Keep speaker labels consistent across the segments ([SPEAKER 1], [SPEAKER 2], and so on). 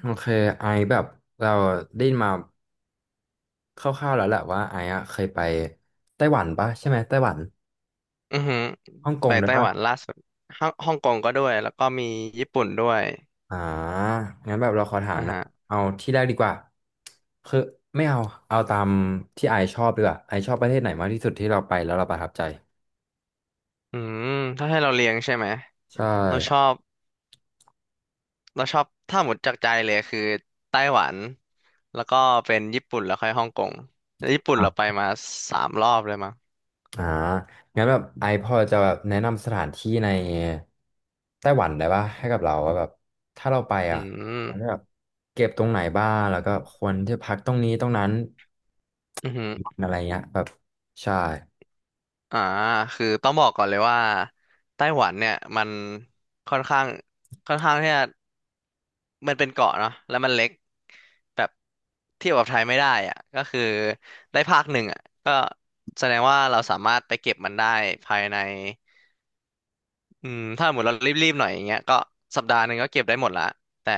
[SPEAKER 1] โอเคไอแบบเราได้ยินมาคร่าวๆแล้วแหละว่าไออะเคยไปไต้หวันปะใช่ไหมไต้หวัน
[SPEAKER 2] อือหือ
[SPEAKER 1] ฮ่องก
[SPEAKER 2] ไป
[SPEAKER 1] งด้วย
[SPEAKER 2] ไต้
[SPEAKER 1] ปะ
[SPEAKER 2] หวันล่าสุดฮ่องกงก็ด้วยแล้วก็มีญี่ปุ่นด้วย
[SPEAKER 1] อ่างั้นแบบเราขอถาม
[SPEAKER 2] อ่า
[SPEAKER 1] นะ
[SPEAKER 2] ฮะ
[SPEAKER 1] เอาที่แรกดีกว่าคือไม่เอาเอาตามที่ไอชอบดีกว่าไอชอบประเทศไหนมากที่สุดที่เราไปแล้วเราประทับใจ
[SPEAKER 2] อืมถ้าให้เราเรียงใช่ไหม
[SPEAKER 1] ใช่
[SPEAKER 2] เราชอบเราชอบถ้าหมดจากใจเลยคือไต้หวัน แล้วก็เป็นญี่ปุ่นแล้วค่อยฮ่องกงแล้วญี่ปุ่นเราไปมาสามรอบเลยมั้ง
[SPEAKER 1] อ่างั้นแบบไอพอจะแบบแนะนำสถานที่ในไต้หวันได้ป่ะให้กับเราว่าแบบถ้าเราไป
[SPEAKER 2] อื
[SPEAKER 1] อ่ะ
[SPEAKER 2] ม
[SPEAKER 1] เขาจะแบบเก็บตรงไหนบ้างแล้วก็ควรที่พักตรงนี้ตรงนั้น
[SPEAKER 2] อือหือ
[SPEAKER 1] อะไรเงี้ยแบบใช่
[SPEAKER 2] อ่าคือต้องบอกก่อนเลยว่าไต้หวันเนี่ยมันค่อนข้างค่อนข้างที่จะมันเป็นเกาะเนาะแล้วมันเล็กแบบเทียบกับไทยไม่ได้อ่ะก็คือได้ภาคหนึ่งอ่ะก็แสดงว่าเราสามารถไปเก็บมันได้ภายในถ้าหมดเรารีบๆหน่อยอย่างเงี้ยก็สัปดาห์หนึ่งก็เก็บได้หมดละแต่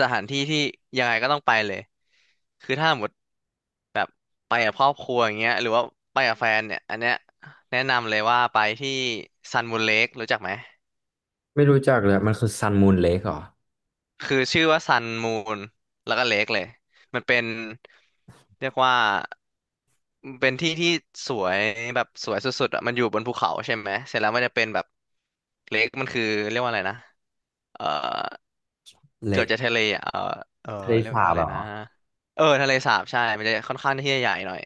[SPEAKER 2] สถานที่ที่ยังไงก็ต้องไปเลยคือถ้าหมด ไปกับครอบครัวอย่างเงี้ยหรือว่าไปกับแฟนเนี่ยอันเนี้ยแนะนำเลยว่าไปที่ซันมูนเลครู้จักไหม
[SPEAKER 1] ไม่รู้จักเลยมันคือซันมูนเลคเหรอ
[SPEAKER 2] คือชื่อว่าซันมูนแล้วก็เลคเลยมันเป็นเรียกว่าเป็นที่ที่สวยแบบสวยสุดๆอ่ะมันอยู่บนภูเขาใช่ไหมเสร็จแล้วมันจะเป็นแบบเลคมันคือเรียกว่าอะไรนะเออ
[SPEAKER 1] เล
[SPEAKER 2] เกือบ
[SPEAKER 1] ค
[SPEAKER 2] จะทะเลอ่ะเออเออ
[SPEAKER 1] ทะเล
[SPEAKER 2] เรียก
[SPEAKER 1] สา
[SPEAKER 2] ว่า
[SPEAKER 1] บ
[SPEAKER 2] อะไร
[SPEAKER 1] เหรอ
[SPEAKER 2] นะเออทะเลสาบใช่มันจะค่อนข้างที่จะใหญ่หน่อย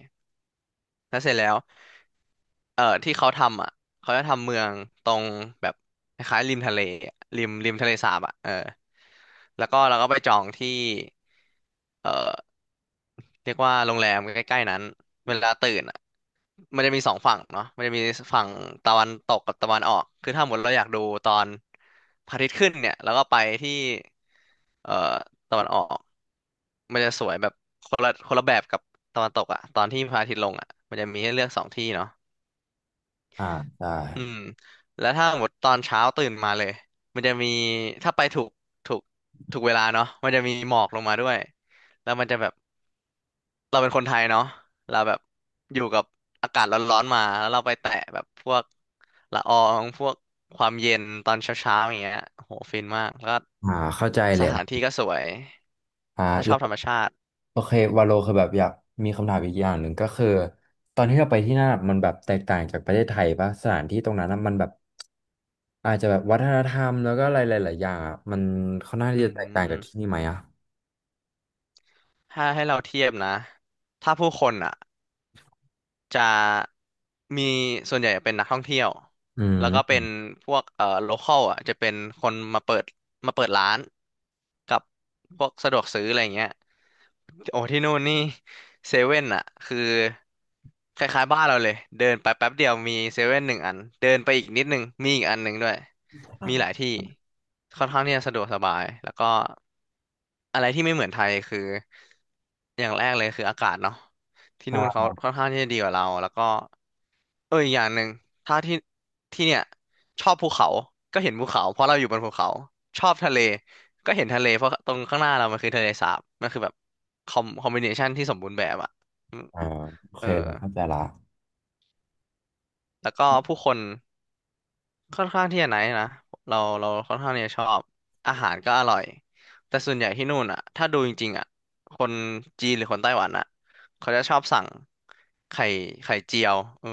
[SPEAKER 2] แล้วเสร็จแล้ว ที่เขาทำอ่ะเขาจะทำเมืองตรงแบบคล้ายๆริมทะเลอะริมริมทะเลสาบอ่ะเออแล้วก็เราก็ไปจองที่เอ่อเรียกว่าโรงแรมใกล้ๆนั้นเวลาตื่นอ่ะมันจะมีสองฝั่งเนาะมันจะมีฝั่งตะวันตกกับตะวันออกคือถ้าหมดเราอยากดูตอนพระอาทิตย์ขึ้นเนี่ยแล้วก็ไปที่เอ่อตะวันออกมันจะสวยแบบคนละแบบกับตะวันตกอ่ะตอนที่พระอาทิตย์ลงอ่ะมันจะมีให้เลือกสองที่เนาะ
[SPEAKER 1] อ่าใช่
[SPEAKER 2] อืมแล้วถ้าหมดตอนเช้าตื่นมาเลยมันจะมีถ้าไปถูกถูกเวลาเนาะมันจะมีหมอกลงมาด้วยแล้วมันจะแบบเราเป็นคนไทยเนาะเราแบบอยู่กับอากาศร้อนๆมาแล้วเราไปแตะแบบพวกละอองพวกความเย็นตอนเช้าๆอย่างเงี้ยโหฟินมากแล้วก็
[SPEAKER 1] อ่าเข้าใจ
[SPEAKER 2] ส
[SPEAKER 1] เลย
[SPEAKER 2] ถานที่ก็สวย
[SPEAKER 1] อ
[SPEAKER 2] ถ้าชอบธ
[SPEAKER 1] ่า
[SPEAKER 2] รรมชาติ
[SPEAKER 1] โอเควาโลคือแบบอยากมีคำถามอีกอย่างหนึ่งก็คือตอนที่เราไปที่นั่นอะมันแบบแตกต่างจากประเทศไทยปะสถานที่ตรงนั้นอะมันแบบอาจจะแบบวัฒนธรรมแล้วก็อะไรหลายๆอย่างอะมันค่อนข้าง
[SPEAKER 2] อื
[SPEAKER 1] ที่จะแตกต่างจากที่
[SPEAKER 2] ม
[SPEAKER 1] นี่ไหมอ่ะ
[SPEAKER 2] ถ้าให้เราเทียบนะถ้าผู้คนอ่ะ จะมีส่วนใหญ่เป็นนักท่องเที่ยว
[SPEAKER 1] อืม
[SPEAKER 2] แล้วก็
[SPEAKER 1] อื
[SPEAKER 2] เป็น
[SPEAKER 1] ม
[SPEAKER 2] พวกโลคอลอ่ะจะเป็นคนมาเปิดร้านกับพวกสะดวกซื้ออะไรอย่างเงี้ยโอ้ที่นู่นนี่เซเว่นอ่ะคือคล้ายๆบ้านเราเลยเดินไปแป๊บเดียวมีเซเว่นหนึ่งอันเดินไปอีกนิดนึงมีอีกอันหนึ่งด้วยมีหลายที่ค่อนข้างที่จะสะดวกสบายแล้วก็อะไรที่ไม่เหมือนไทยคืออย่างแรกเลยคืออากาศเนาะ ที่นู่น
[SPEAKER 1] ใช่
[SPEAKER 2] เขาค่อนข้างที่จะดีกว่าเราแล้วก็เอออีกอย่างหนึ่งถ้าที่ที่เนี่ยชอบภูเขาก็เห็นภูเขาเพราะเราอยู่บนภูเขาชอบทะเลก็เห็นทะเลเพราะตรงข้างหน้าเรามันคือทะเลสาบมันคือแบบคอมบิเนชันที่สมบูรณ์แบบอ่ะอืม
[SPEAKER 1] อ่าโอ
[SPEAKER 2] เอ
[SPEAKER 1] เค
[SPEAKER 2] อ
[SPEAKER 1] เลยเข้าใจละ
[SPEAKER 2] แล้วก็ผู้คน ค่อนข้างที่จะไหนท์นะเราค่อนข้างที่จะชอบอาหารก็อร่อยแต่ส่วนใหญ่ที่นู่นอ่ะถ้าดูจริงๆอ่ะคนจีนหรือคนไต้หวันอ่ะเขาจะชอบสั่งไข่ไข่เจียวเออ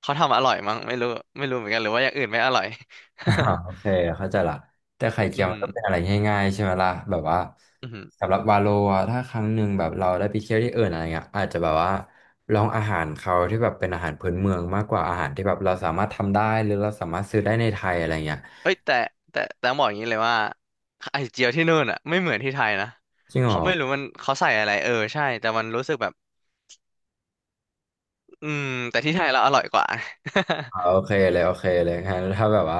[SPEAKER 2] เขาทำอร่อยมั้งไม่รู้ไม่รู้เหมือนกันหรือว่าอย่างอื่นไม่อร่อย
[SPEAKER 1] อ่าโอเคเข้าใจละแต่ไข่ เจี
[SPEAKER 2] อื
[SPEAKER 1] ยว
[SPEAKER 2] อ
[SPEAKER 1] มัน
[SPEAKER 2] หื
[SPEAKER 1] ก็
[SPEAKER 2] อ
[SPEAKER 1] เป็นอะไรง่ายๆใช่ไหมล่ะแบบว่า
[SPEAKER 2] อือหือ
[SPEAKER 1] สำหรับวาโลอะถ้าครั้งหนึ่งแบบเราได้ไปเที่ยวที่อื่นอะไรเงี้ยอาจจะแบบว่าลองอาหารเขาที่แบบเป็นอาหารพื้นเมืองมากกว่าอาหารที่แบบเราสามารถทำได้หรือเราสามารถซื้อได้ในไทยอะไรเงี้ย
[SPEAKER 2] เอ้ยแต่ต้องบอกอย่างนี้เลยว่าไข่เจียวที่นู่นอ่ะไม่เหมือนที่ไทยนะ
[SPEAKER 1] จริงเหร
[SPEAKER 2] เขา
[SPEAKER 1] อ
[SPEAKER 2] ไม่รู้มันเขาใส่อะไรเออใช่แต่มันรู้สึกแบบอืมแต่ที่ไทยเราอร่อยกว่า
[SPEAKER 1] อโอเคเลยโอเคเลยงั้นถ้าแบบว่า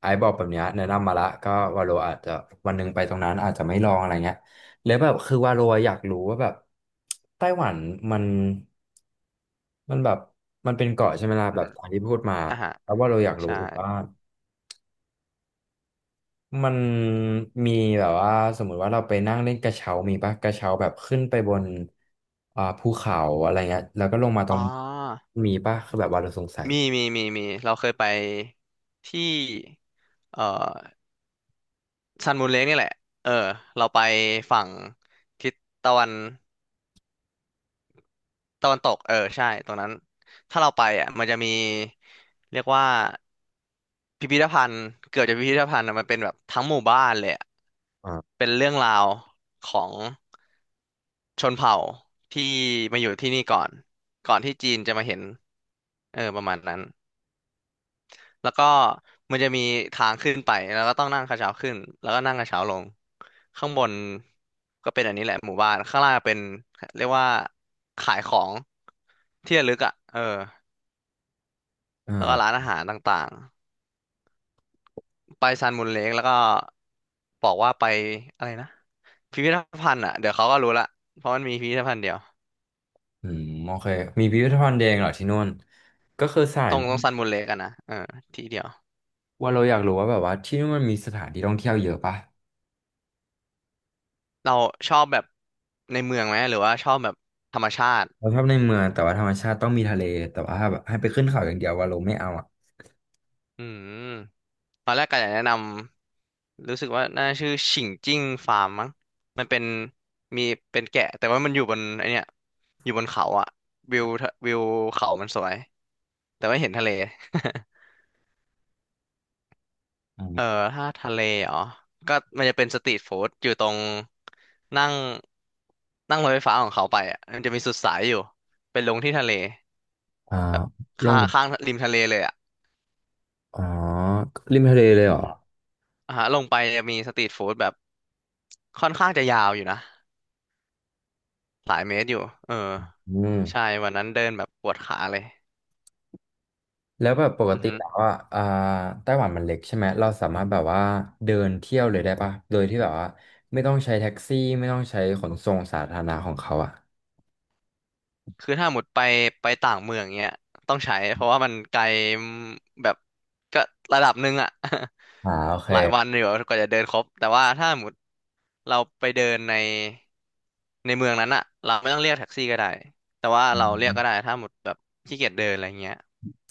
[SPEAKER 1] ไอ้บอกแบบเนี้ยแนะนำมาละก็วาโลอาจจะวันหนึ่งไปตรงนั้นอาจจะไม่ลองอะไรเงี้ยแล้วแบบคือวาโลอยากรู้ว่าแบบไต้หวันมันมันแบบมันเป็นเกาะใช่ไหมล่ะ
[SPEAKER 2] อือ
[SPEAKER 1] แบบ
[SPEAKER 2] หือ
[SPEAKER 1] ตามที่พูดมา
[SPEAKER 2] อ่าฮะ
[SPEAKER 1] แล้วว่าเราอยากรู้
[SPEAKER 2] ใช่
[SPEAKER 1] อีกว่ามันมีแบบว่าสมมุติว่าเราไปนั่งเล่นกระเช้ามีปะกระเช้าแบบขึ้นไปบนภูเขาอะไรเงี้ยแล้วก็ลงมาตร
[SPEAKER 2] อ๋
[SPEAKER 1] ง
[SPEAKER 2] อ
[SPEAKER 1] มีปะคือแบบว่าเราสงสัย
[SPEAKER 2] มีเราเคยไปที่เอ่อซันมูนเลกนี่แหละเออเราไปฝั่งทิศตะวันตะวันตกเออใช่ตรงนั้น ถ้าเราไปอ่ะมันจะมีเรียกว่าพิพิธภัณฑ์เกือบจะพิพิธภัณฑ์อะมันเป็นแบบทั้งหมู่บ้านเลยอะ
[SPEAKER 1] อ
[SPEAKER 2] เป็นเรื่องราวของชนเผ่าที่มาอยู่ที่นี่ก่อนก่อนที่จีนจะมาเห็นเออประมาณนั้น แล้วก็มันจะมีทางขึ้นไปแล้วก็ต้องนั่งกระเช้าขึ้นแล้วก็นั่งกระเช้าลงข้างบนก็เป็นอันนี้แหละหมู่บ้านข้างล่างเป็นเรียกว่าขายของที่ระลึกอ่ะเออ
[SPEAKER 1] ่
[SPEAKER 2] แล้วก็
[SPEAKER 1] า
[SPEAKER 2] ร้านอาหารต่างๆไปซันมูนเลกแล้วก็บอกว่าไปอะไรนะพิพิธภัณฑ์อ่ะเดี๋ยวเขาก็รู้ละเพราะมันมีพิพิธภัณฑ์เดียว
[SPEAKER 1] อืมโอเคมีพิพิธภัณฑ์แดงเหรอที่นู่นก็คือสถา
[SPEAKER 2] ตร
[SPEAKER 1] น
[SPEAKER 2] งตรงซันมูนเลคกัะนะเออที่เดียว
[SPEAKER 1] ว่าเราอยากรู้ว่าแบบว่าที่นู่นมันมีสถานที่ท่องเที่ยวเยอะปะ
[SPEAKER 2] เราชอบแบบในเมืองไหมหรือว่าชอบแบบธรรมชาติ
[SPEAKER 1] เราชอบในเมืองแต่ว่าธรรมชาติต้องมีทะเลแต่ว่าถ้าแบบให้ไปขึ้นเขาอย่างเดียวว่าเราไม่เอาอ่ะ
[SPEAKER 2] อืม ตอนแรกก็อยากแนะนำรู้สึกว่าน่าชื่อฉิงจิ้งฟาร์มมั้งมันเป็นมีเป็นแกะแต่ว่ามันอยู่บนไอเนี้ยอยู่บนเขาอะวิวเขามันสวยแต่ว่าเห็นทะเล
[SPEAKER 1] อื
[SPEAKER 2] เออ
[SPEAKER 1] ม
[SPEAKER 2] ถ้าทะเลเหรอก็มันจะเป็นสตรีทฟู้ดอยู่ตรงนั่งนั่งรถไฟฟ้าของเขาไปอะมันจะมีสุดสายอยู่เป็นลงที่ทะเล
[SPEAKER 1] อ่า
[SPEAKER 2] แบบ
[SPEAKER 1] ลง
[SPEAKER 2] ข้างข้างริมทะเลเลยอะ
[SPEAKER 1] อ๋อริมทะเลเลย
[SPEAKER 2] อื
[SPEAKER 1] เหรอ
[SPEAKER 2] มอ่าฮะลงไปจะมีสตรีทฟู้ดแบบค่อนข้างจะยาวอยู่นะ หลายเมตรอยู่เออ
[SPEAKER 1] อืม
[SPEAKER 2] ใช่วันนั้นเดินแบบปวดขาเลย
[SPEAKER 1] แล้วแบบปก
[SPEAKER 2] อือ
[SPEAKER 1] ติ
[SPEAKER 2] ฮึ
[SPEAKER 1] แล้วว่าไต้หวันมันเล็กใช่ไหมเราสามารถแบบว่าเดินเที่ยวเลยได้ปะโดยที่แบบว่าไม่ต้องใช้แท็กซี่ไม่ต้องใช้ขนส่งสาธารณะของเขาอ่ะ
[SPEAKER 2] คือถ้าหมดไปต่างเมืองเงี้ยต้องใช้เพราะว่ามันไกลแบบก็ระดับหนึ่งอะ
[SPEAKER 1] อ่าโอเค
[SPEAKER 2] หลายวันอยู่กว่าจะเดินครบ แต่ว่าถ้าหมดเราไปเดินในเมืองนั้นอะเราไม่ต้องเรียกแท็กซี่ก็ได้ แต่ว่าเราเรียกก็ได้ถ้าหมดแบบขี้เกียจเดินอะไรเงี้ย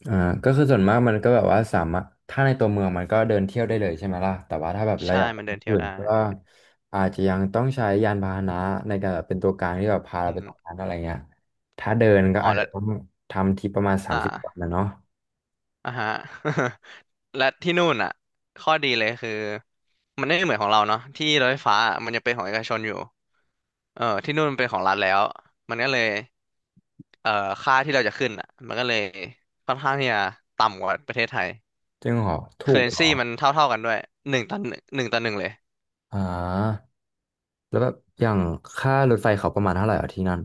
[SPEAKER 1] อ่าก็คือส่วนมากมันก็แบบว่าสามารถถ้าในตัวเมืองมันก็เดินเที่ยวได้เลยใช่ไหมล่ะแต่ว่าถ้าแบบเรา
[SPEAKER 2] ใช่
[SPEAKER 1] อยากไป
[SPEAKER 2] มันเดิน
[SPEAKER 1] ที่
[SPEAKER 2] เที่ยว
[SPEAKER 1] อื่น
[SPEAKER 2] ได้
[SPEAKER 1] ก็อาจจะยังต้องใช้ยานพาหนะในการแบบเป็นตัวกลางที่แบบพาเรา
[SPEAKER 2] อื
[SPEAKER 1] ไป
[SPEAKER 2] ม
[SPEAKER 1] ตรงนั้นอะไรเงี้ยถ้าเดินก็
[SPEAKER 2] อ๋อ
[SPEAKER 1] อาจจะ
[SPEAKER 2] แล้ว
[SPEAKER 1] ต้องทำทริปประมาณ30วัน
[SPEAKER 2] อ่า
[SPEAKER 1] นะเนาะ
[SPEAKER 2] อ่ะฮะ และที่นู่นอ่ะข้อดีเลยคือมันไม่เหมือนของเราเนาะที่รถไฟฟ้าอะมันยังเป็นของเอกชนอยู่เออที่นู่นมันเป็นของรัฐแล้วมันก็เลยเอ่อค่าที่เราจะขึ้นอ่ะมันก็เลยค่อนข้างที่จะต่ำกว่าประเทศไทย
[SPEAKER 1] จริงเหรอ
[SPEAKER 2] เค
[SPEAKER 1] ถู
[SPEAKER 2] อร์
[SPEAKER 1] ก
[SPEAKER 2] เรน
[SPEAKER 1] เหร
[SPEAKER 2] ซี
[SPEAKER 1] อ
[SPEAKER 2] มันเท่าเท่ากันด้วยหนึ่งต่อหนึ่งหนึ่งต่อหนึ่งเลย
[SPEAKER 1] อ่าแล้วแบบอย่างค่ารถไฟเขาประมาณเท่าไหร่อ่ะอที่นั่น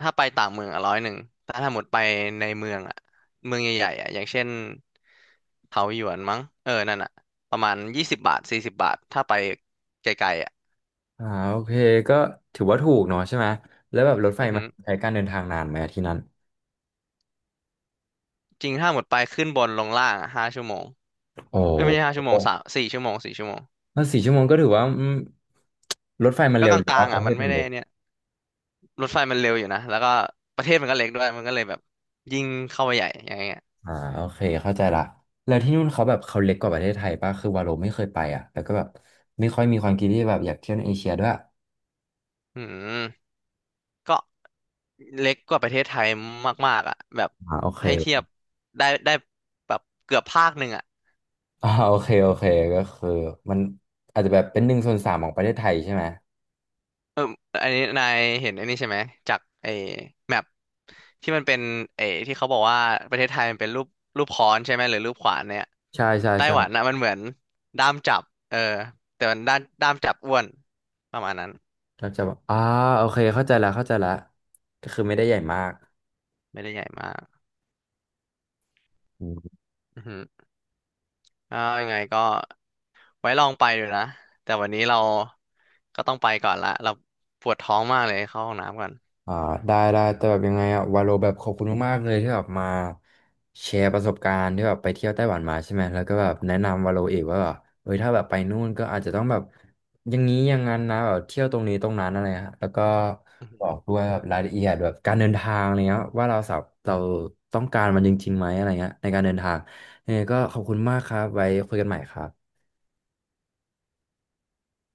[SPEAKER 2] ถ้าไปต่างเมืองอ่ะ101แต่ถ้าหมดไปในเมืองอ่ะเมืองใหญ่ๆอ่ะอย่างเช่นเถาหยวนมั้งเออนั่นอ่ะประมาณ20 บาท40 บาทถ้าไปไกลๆอ่ะ
[SPEAKER 1] อ่าโอเคก็ถือว่าถูกเนาะใช่ไหมแล้วแบบรถไฟ
[SPEAKER 2] อือ
[SPEAKER 1] มั
[SPEAKER 2] หื
[SPEAKER 1] น
[SPEAKER 2] อ
[SPEAKER 1] ใช้การเดินทางนานไหมอะที่นั่น
[SPEAKER 2] จริงถ้าหมดไปขึ้นบนลงล่างอะห้าชั่วโมง
[SPEAKER 1] โอ
[SPEAKER 2] เอ้ยไม่ใช่ห้า
[SPEAKER 1] ้
[SPEAKER 2] ชั่วโมง3-4 ชั่วโมงสี่ชั่วโมง
[SPEAKER 1] แล้ว4 ชั่วโมงก็ถือว่าอืมรถไฟมัน
[SPEAKER 2] ก็
[SPEAKER 1] เร็
[SPEAKER 2] ก
[SPEAKER 1] ว
[SPEAKER 2] ล
[SPEAKER 1] หรือ
[SPEAKER 2] า
[SPEAKER 1] ว่า
[SPEAKER 2] งๆ
[SPEAKER 1] ป
[SPEAKER 2] อ่ะ
[SPEAKER 1] ระเท
[SPEAKER 2] มัน
[SPEAKER 1] ศมั
[SPEAKER 2] ไม่
[SPEAKER 1] น
[SPEAKER 2] ได้
[SPEAKER 1] เร็ว
[SPEAKER 2] เนี่ยรถไฟมันเร็วอยู่นะแล้วก็ประเทศมันก็เล็กด้วยมันก็เลยแบบยิ่งเข้าไปใหญ่อย่างเงี้ย
[SPEAKER 1] อ่าโอเคเข้าใจละแล้วที่นู่นเขาแบบเขาเล็กกว่าประเทศไทยป่ะคือวาโลไม่เคยไปอ่ะแล้วก็แบบไม่ค่อยมีความคิดที่แบบอยากเที่ยวในเอเชียด้วยอ
[SPEAKER 2] อืมก็เล็กกว่าประเทศไทยมากๆอ่ะแบบ
[SPEAKER 1] ่าโอเค
[SPEAKER 2] ให้เทียบได้แบบเกือบภาคหนึ่งอ่ะ
[SPEAKER 1] อ่าโอเคโอเคก็คือมันอาจจะแบบเป็นหนึ่งส่วนสามของประเทศไทยใช่ไหม
[SPEAKER 2] เอออันนี้นายเห็นอันนี้ใช่ไหมจากไอ้แมปที่มันเป็นไอ้ที่เขาบอกว่าประเทศไทยมันเป็นรูปค้อนใช่ไหมหรือรูปขวานเนี่ย
[SPEAKER 1] ใช่ใช่
[SPEAKER 2] ไต้
[SPEAKER 1] ใช่
[SPEAKER 2] หวันนะมันเหมือนด้ามจับเออแต่มันด้านด้ามจับอ้วนประมาณนั้น
[SPEAKER 1] ก็จะแบบอ่าโอเคเข้าใจละเข้าใจละก็คือไม่ได้ใหญ่มาก
[SPEAKER 2] ไม่ได้ใหญ่มากอือฮึอ่ายังไงก็ไว้ลองไปดูนะแต่วันนี้เราก็ต้องไปก่อนละเราปวดท้องมากเลยเข้าห้องน้ำก่อน
[SPEAKER 1] อ่าได้ได้แต่แบบยังไงอะวาโลแบบขอบคุณมากๆเลยที่แบบมาแชร์ประสบการณ์ที่แบบไปเที่ยวไต้หวันมาใช่ไหมแล้วก็แบบแนะนำวาโลเอกว่าแบบเอ้ยถ้าแบบไปนู่นก็อาจจะต้องแบบอย่างนี้อย่างนั้นนะแบบเที่ยวตรงนี้ตรงนั้นอะไรฮะแล้วก็บอกด้วยแบบรายละเอียดแบบการเดินทางอะไรเงี้ยว่าเราสาเราต้องการมันจริงๆไหมอะไรเงี้ยในการเดินทางยังไงก็ขอบคุณมากครับไว้คุยกันใหม่ครับ